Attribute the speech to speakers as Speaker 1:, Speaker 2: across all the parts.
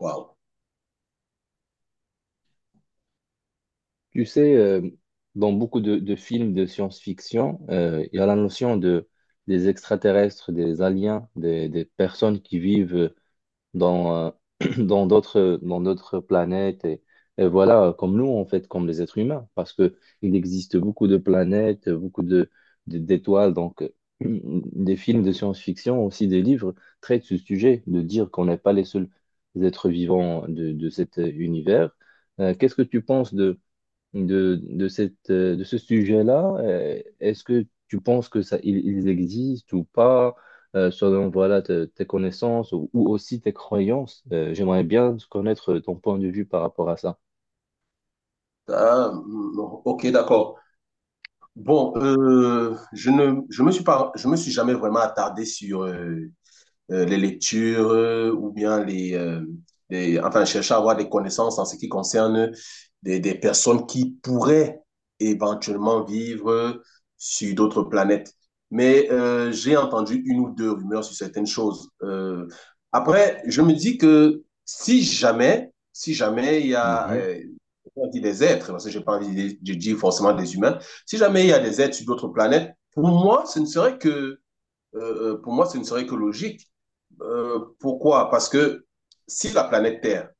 Speaker 1: Waouh.
Speaker 2: Tu sais, euh, dans beaucoup de films de science-fiction, il y a la notion de, des extraterrestres, des aliens, des personnes qui vivent dans, euh, dans d'autres planètes. Et voilà, comme nous, en fait, comme les êtres humains, parce que il existe beaucoup de planètes, d'étoiles. Donc, des films de science-fiction, aussi des livres, traitent ce sujet, de dire qu'on n'est pas les seuls êtres vivants de cet univers. Qu'est-ce que tu penses de cette, de ce sujet-là. Est-ce que tu penses que ça, ils existent ou pas, selon voilà, tes connaissances ou aussi tes croyances? J'aimerais bien connaître ton point de vue par rapport à ça.
Speaker 1: Ah, mm, ok, d'accord. Bon, je me suis jamais vraiment attardé sur les lectures ou bien enfin, chercher à avoir des connaissances en ce qui concerne des personnes qui pourraient éventuellement vivre sur d'autres planètes. Mais j'ai entendu une ou deux rumeurs sur certaines choses. Après, je me dis que si jamais il y a,
Speaker 2: Mhm.
Speaker 1: on dit des êtres, parce que je parle, je dis forcément des humains. Si jamais il y a des êtres sur d'autres planètes, pour moi, ce ne serait que, pour moi, ce ne serait que logique. Pourquoi? Parce que si la planète Terre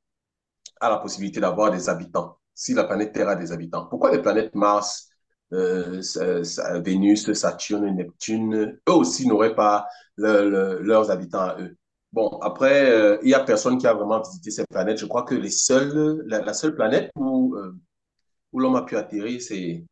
Speaker 1: a la possibilité d'avoir des habitants, si la planète Terre a des habitants, pourquoi les planètes Mars, euh, Vénus, Saturne, Neptune, eux aussi n'auraient pas leurs habitants à eux. Bon, après, il y a personne qui a vraiment visité ces planètes. Je crois que la seule planète où où l'homme a pu atterrir, c'est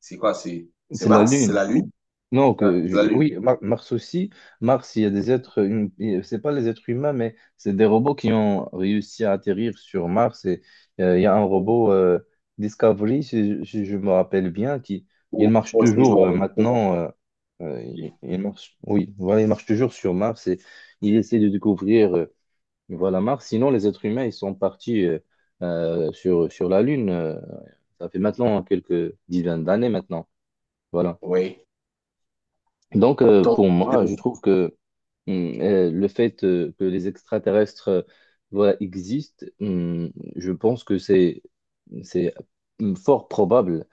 Speaker 1: c'est quoi? C'est
Speaker 2: C'est la
Speaker 1: Mars? C'est
Speaker 2: Lune.
Speaker 1: la Lune?
Speaker 2: Non,
Speaker 1: Ah, c'est la Lune.
Speaker 2: oui, Mars aussi. Mars, il y a des êtres, et c'est pas les êtres humains, mais c'est des robots qui ont réussi à atterrir sur Mars. Et il y a un
Speaker 1: Ou-
Speaker 2: robot Discovery, si je me rappelle bien, qui il marche
Speaker 1: Moi aussi, je
Speaker 2: toujours
Speaker 1: m'en fous.
Speaker 2: maintenant. Il marche, oui, voilà, il marche toujours sur Mars et il essaie de découvrir voilà Mars. Sinon, les êtres humains, ils sont partis sur la Lune. Ça fait maintenant quelques dizaines d'années maintenant. Voilà.
Speaker 1: Oui.
Speaker 2: Donc,
Speaker 1: Donc,
Speaker 2: pour moi, je trouve que le fait que les extraterrestres voilà, existent, je pense que c'est fort probable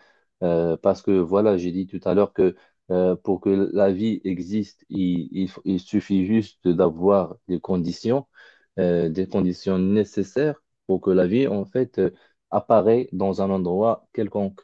Speaker 2: parce que voilà, j'ai dit tout à l'heure que pour que la vie existe, il suffit juste d'avoir des conditions nécessaires pour que la vie en fait apparaît dans un endroit quelconque.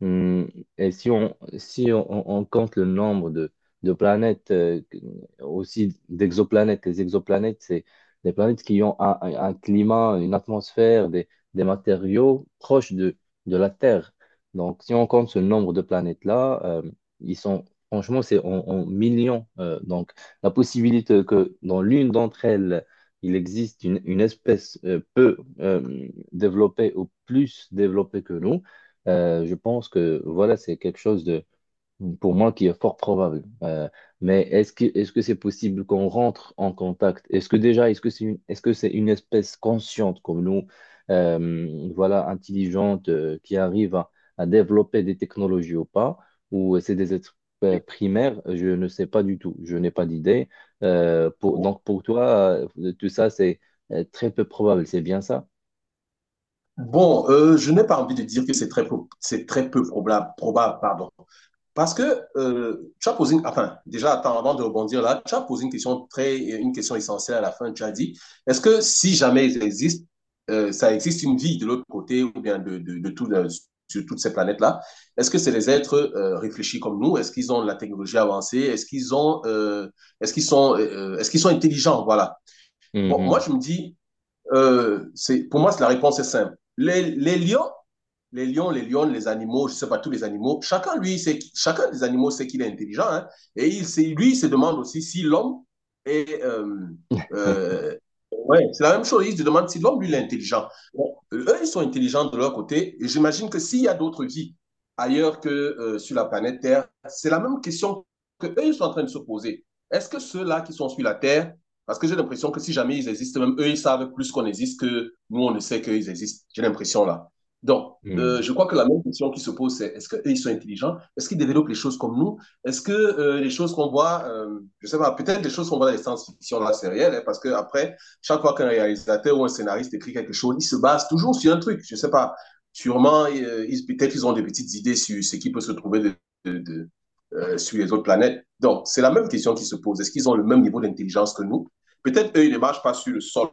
Speaker 2: Hum, Et si on compte le nombre de planètes, aussi d'exoplanètes, les exoplanètes, c'est des planètes qui ont un climat, une atmosphère, des matériaux proches de la Terre. Donc, si on compte ce nombre de planètes-là, ils sont, franchement, c'est en millions. Donc, la possibilité que dans l'une d'entre elles, il existe une espèce peu développée ou plus développée que nous, je pense que voilà, c'est quelque chose de, pour moi, qui est fort probable. Mais est-ce que c'est possible qu'on rentre en contact? Est-ce que déjà, est-ce que c'est une espèce consciente comme nous, voilà, intelligente, qui arrive à développer des technologies ou pas? Ou c'est des êtres primaires? Je ne sais pas du tout. Je n'ai pas d'idée. Pour,
Speaker 1: euh,
Speaker 2: donc pour toi, tout ça, c'est très peu probable. C'est bien ça?
Speaker 1: bon, je n'ai pas envie de dire que c'est très peu probable, probable, pardon. Parce que tu as posé, enfin, déjà, attends, avant de rebondir là, tu as posé une question essentielle à la fin. Tu as dit, est-ce que si jamais il existe, ça existe une vie de l'autre côté ou bien de tout, sur toutes ces planètes-là, est-ce que c'est des êtres réfléchis comme nous? Est-ce qu'ils ont de la technologie avancée? Est-ce qu'ils ont, est-ce qu'ils sont intelligents? Voilà. Bon, moi,
Speaker 2: Mhm.
Speaker 1: je me dis, pour moi, la réponse est simple. Les lions, les animaux, je ne sais pas, tous les animaux, chacun des animaux sait qu'il est intelligent, hein. Et lui, il se demande aussi si l'homme est, euh, ouais, c'est la même chose. Ils se demandent si l'homme, lui, il est intelligent. Bon, eux, ils sont intelligents de leur côté. Et j'imagine que s'il y a d'autres vies ailleurs que sur la planète Terre, c'est la même question que eux, ils sont en train de se poser. Est-ce que ceux-là qui sont sur la Terre, parce que j'ai l'impression que si jamais ils existent, même eux, ils savent plus qu'on existe que nous, on ne sait qu'ils existent. J'ai l'impression là. Donc,
Speaker 2: Mhm.
Speaker 1: je crois que la même question qui se pose, c'est est-ce qu'eux, ils sont intelligents? Est-ce qu'ils développent les choses comme nous? Est-ce que les choses qu'on voit, je sais pas, peut-être les choses qu'on voit dans les science-fiction, là, c'est réel, hein, parce qu'après, chaque fois qu'un réalisateur ou un scénariste écrit quelque chose, il se base toujours sur un truc. Je ne sais pas. Sûrement, peut-être ils ont des petites idées sur ce qui peut se trouver de, de, sur les autres planètes. Donc, c'est la même question qui se pose. Est-ce qu'ils ont le même niveau d'intelligence que nous? Peut-être eux, ils ne marchent pas sur le sol,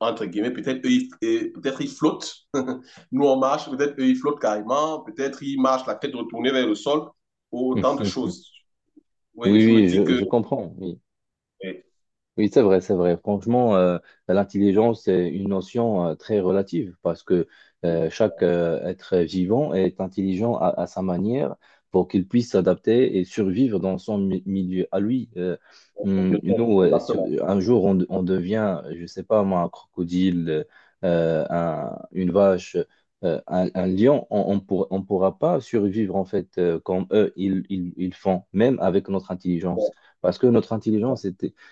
Speaker 1: entre guillemets. Peut-être peut-être ils flottent. Nous, on marche. Peut-être eux, ils flottent carrément. Peut-être ils marchent la tête retournée vers le sol. Autant de
Speaker 2: Mhm.
Speaker 1: choses. Oui,
Speaker 2: Oui,
Speaker 1: je me dis que.
Speaker 2: je comprends. Oui.
Speaker 1: eh,
Speaker 2: Oui, c'est vrai, c'est vrai. Franchement, l'intelligence est une notion très relative parce que chaque être vivant est intelligent à sa manière pour qu'il puisse s'adapter et survivre dans son milieu à lui. Nous,
Speaker 1: Exactement.
Speaker 2: un jour, on devient, je sais pas moi, un crocodile, une vache, un lion. On pourra pas survivre en fait comme eux, ils font, même avec notre intelligence parce que notre intelligence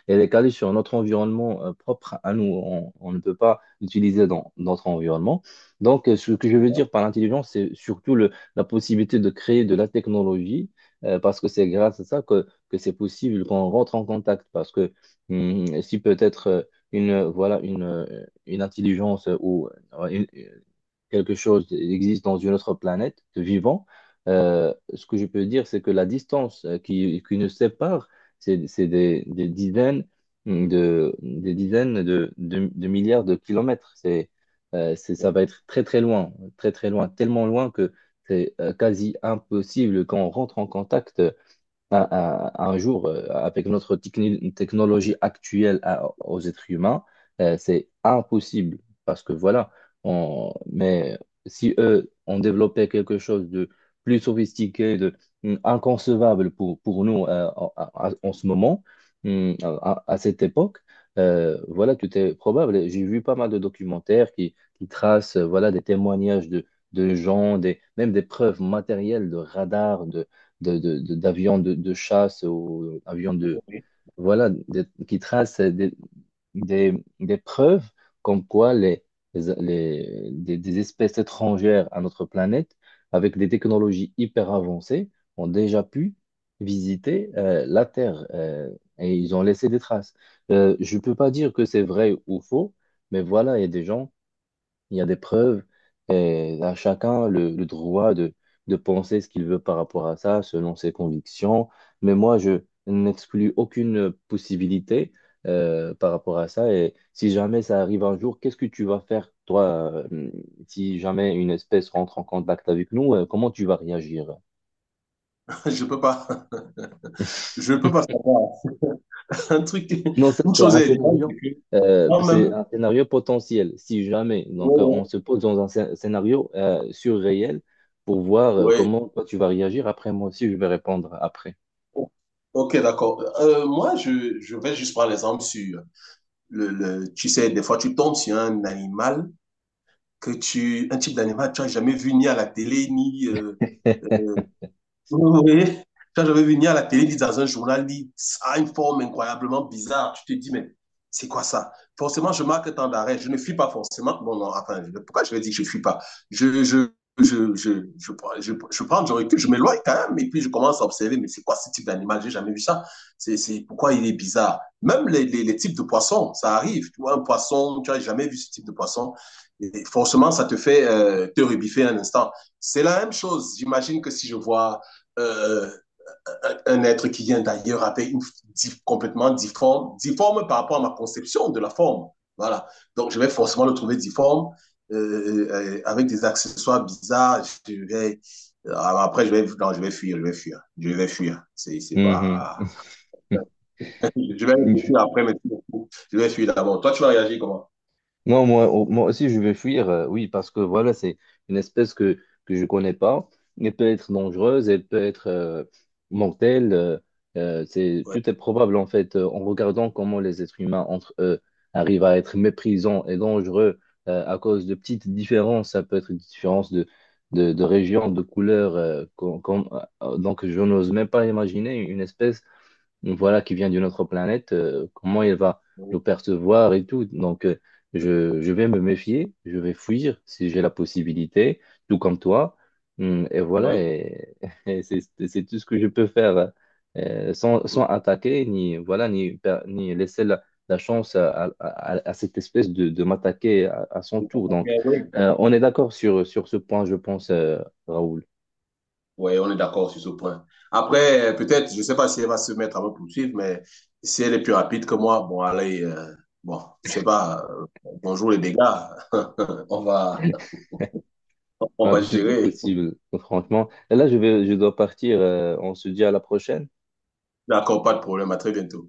Speaker 2: et elle est calée sur notre environnement propre à nous. On ne peut pas l'utiliser dans notre environnement. Donc, ce que je veux dire par l'intelligence, c'est surtout la possibilité de créer de la technologie, parce que c'est grâce à ça que c'est possible qu'on rentre en contact. Parce que si peut-être une, euh, voilà, une, euh, une intelligence ou quelque chose existe dans une autre planète vivant, ce que je peux dire, c'est que la distance qui nous sépare, c'est des, des dizaines de milliards de kilomètres. Ça va être très très loin, tellement loin que c'est quasi impossible quand on rentre en contact un jour, avec notre technologie actuelle aux êtres humains, c'est impossible parce que voilà, on, mais si eux ont développé quelque chose de plus sophistiqué, de inconcevable pour nous en ce moment, à cette époque, voilà, tout est probable. J'ai vu pas mal de documentaires qui tracent voilà, des témoignages de gens, des, même des preuves matérielles de radars, d'avions de chasse ou avions de, voilà, de- qui tracent des, des preuves comme quoi des espèces étrangères à notre planète, avec des technologies hyper avancées, ont déjà pu visiter la Terre et ils ont laissé des traces. Je ne peux pas dire que c'est vrai ou faux, mais voilà, il y a des gens il y a des preuves et à chacun le droit de penser ce qu'il veut par rapport à ça, selon ses convictions. Mais moi, je n'exclus aucune possibilité par rapport à ça. Et si jamais ça arrive un jour, qu'est-ce que tu vas faire, toi, si jamais une espèce rentre en contact avec nous, comment tu vas réagir?
Speaker 1: Je peux pas. Je peux pas savoir. Un truc,
Speaker 2: Non, ça,
Speaker 1: une chose est évidente, c'est que
Speaker 2: c'est
Speaker 1: moi-même,
Speaker 2: un scénario potentiel, si jamais. Donc,
Speaker 1: ouais,
Speaker 2: on se pose dans un scénario surréel pour voir
Speaker 1: ouais,
Speaker 2: comment toi tu vas réagir. Après, moi aussi, je vais répondre après.
Speaker 1: ouais. Ok, d'accord. Moi, je vais juste prendre l'exemple sur le, tu sais, des fois, tu tombes sur un animal un type d'animal que tu n'as jamais vu ni à la télé, ni, oui. Quand j'avais vu venir à la télé, lire dans un journal, lire ça a une forme incroyablement bizarre. Tu te dis, mais c'est quoi ça? Forcément, je marque tant d'arrêt. Je ne fuis pas forcément. Bon, non, attends, pourquoi je vais dire que je ne fuis pas? Je, je, je prends du recul, je m'éloigne quand même, et puis je commence à observer, mais c'est quoi ce type d'animal? J'ai jamais vu ça. C'est pourquoi il est bizarre. Même les types de poissons, ça arrive. Tu vois, un poisson, tu n'as jamais vu ce type de poisson. Et forcément, ça te fait te rebiffer un instant. C'est la même chose. J'imagine que si je vois euh, un être qui vient d'ailleurs avec une difforme par rapport à ma conception de la forme. Voilà. Donc, je vais forcément le trouver difforme, euh, avec des accessoires bizarres. Je vais, après, je vais, non, je vais fuir, je vais fuir, je vais fuir. C'est
Speaker 2: Mhm.
Speaker 1: pas. Je vais réfléchir après, mais je vais fuir d'abord. Toi, tu vas réagir comment?
Speaker 2: Moi aussi, je vais fuir, oui, parce que voilà, c'est une espèce que je connais pas. Elle peut être dangereuse, elle peut être mortelle. C'est,
Speaker 1: Oui,
Speaker 2: tout est probable, en fait, en regardant comment les êtres humains entre eux arrivent à être méprisants et dangereux à cause de petites différences. Ça peut être une différence de région, de couleur. Donc, je n'ose même pas imaginer une espèce voilà, qui vient d'une autre planète, comment il va le percevoir et tout. Donc, je vais me méfier, je vais fuir si j'ai la possibilité, tout comme toi. Et voilà,
Speaker 1: oui,
Speaker 2: et, et c'est c'est tout ce que je peux faire sans, sans attaquer, ni, voilà, ni laisser la, la chance à cette espèce de m'attaquer à son tour. Donc,
Speaker 1: oui.
Speaker 2: on est d'accord sur ce point, je pense, Raoul.
Speaker 1: Oui, on est d'accord sur ce point. Après, peut-être, je ne sais pas si elle va se mettre à me poursuivre, mais si elle est plus rapide que moi, bon, allez, bon, je sais pas, bonjour les dégâts, on va, on
Speaker 2: Ah,
Speaker 1: va
Speaker 2: tout est
Speaker 1: gérer.
Speaker 2: possible, franchement. Et là, je dois partir. On se dit à la prochaine.
Speaker 1: D'accord, pas de problème, à très bientôt.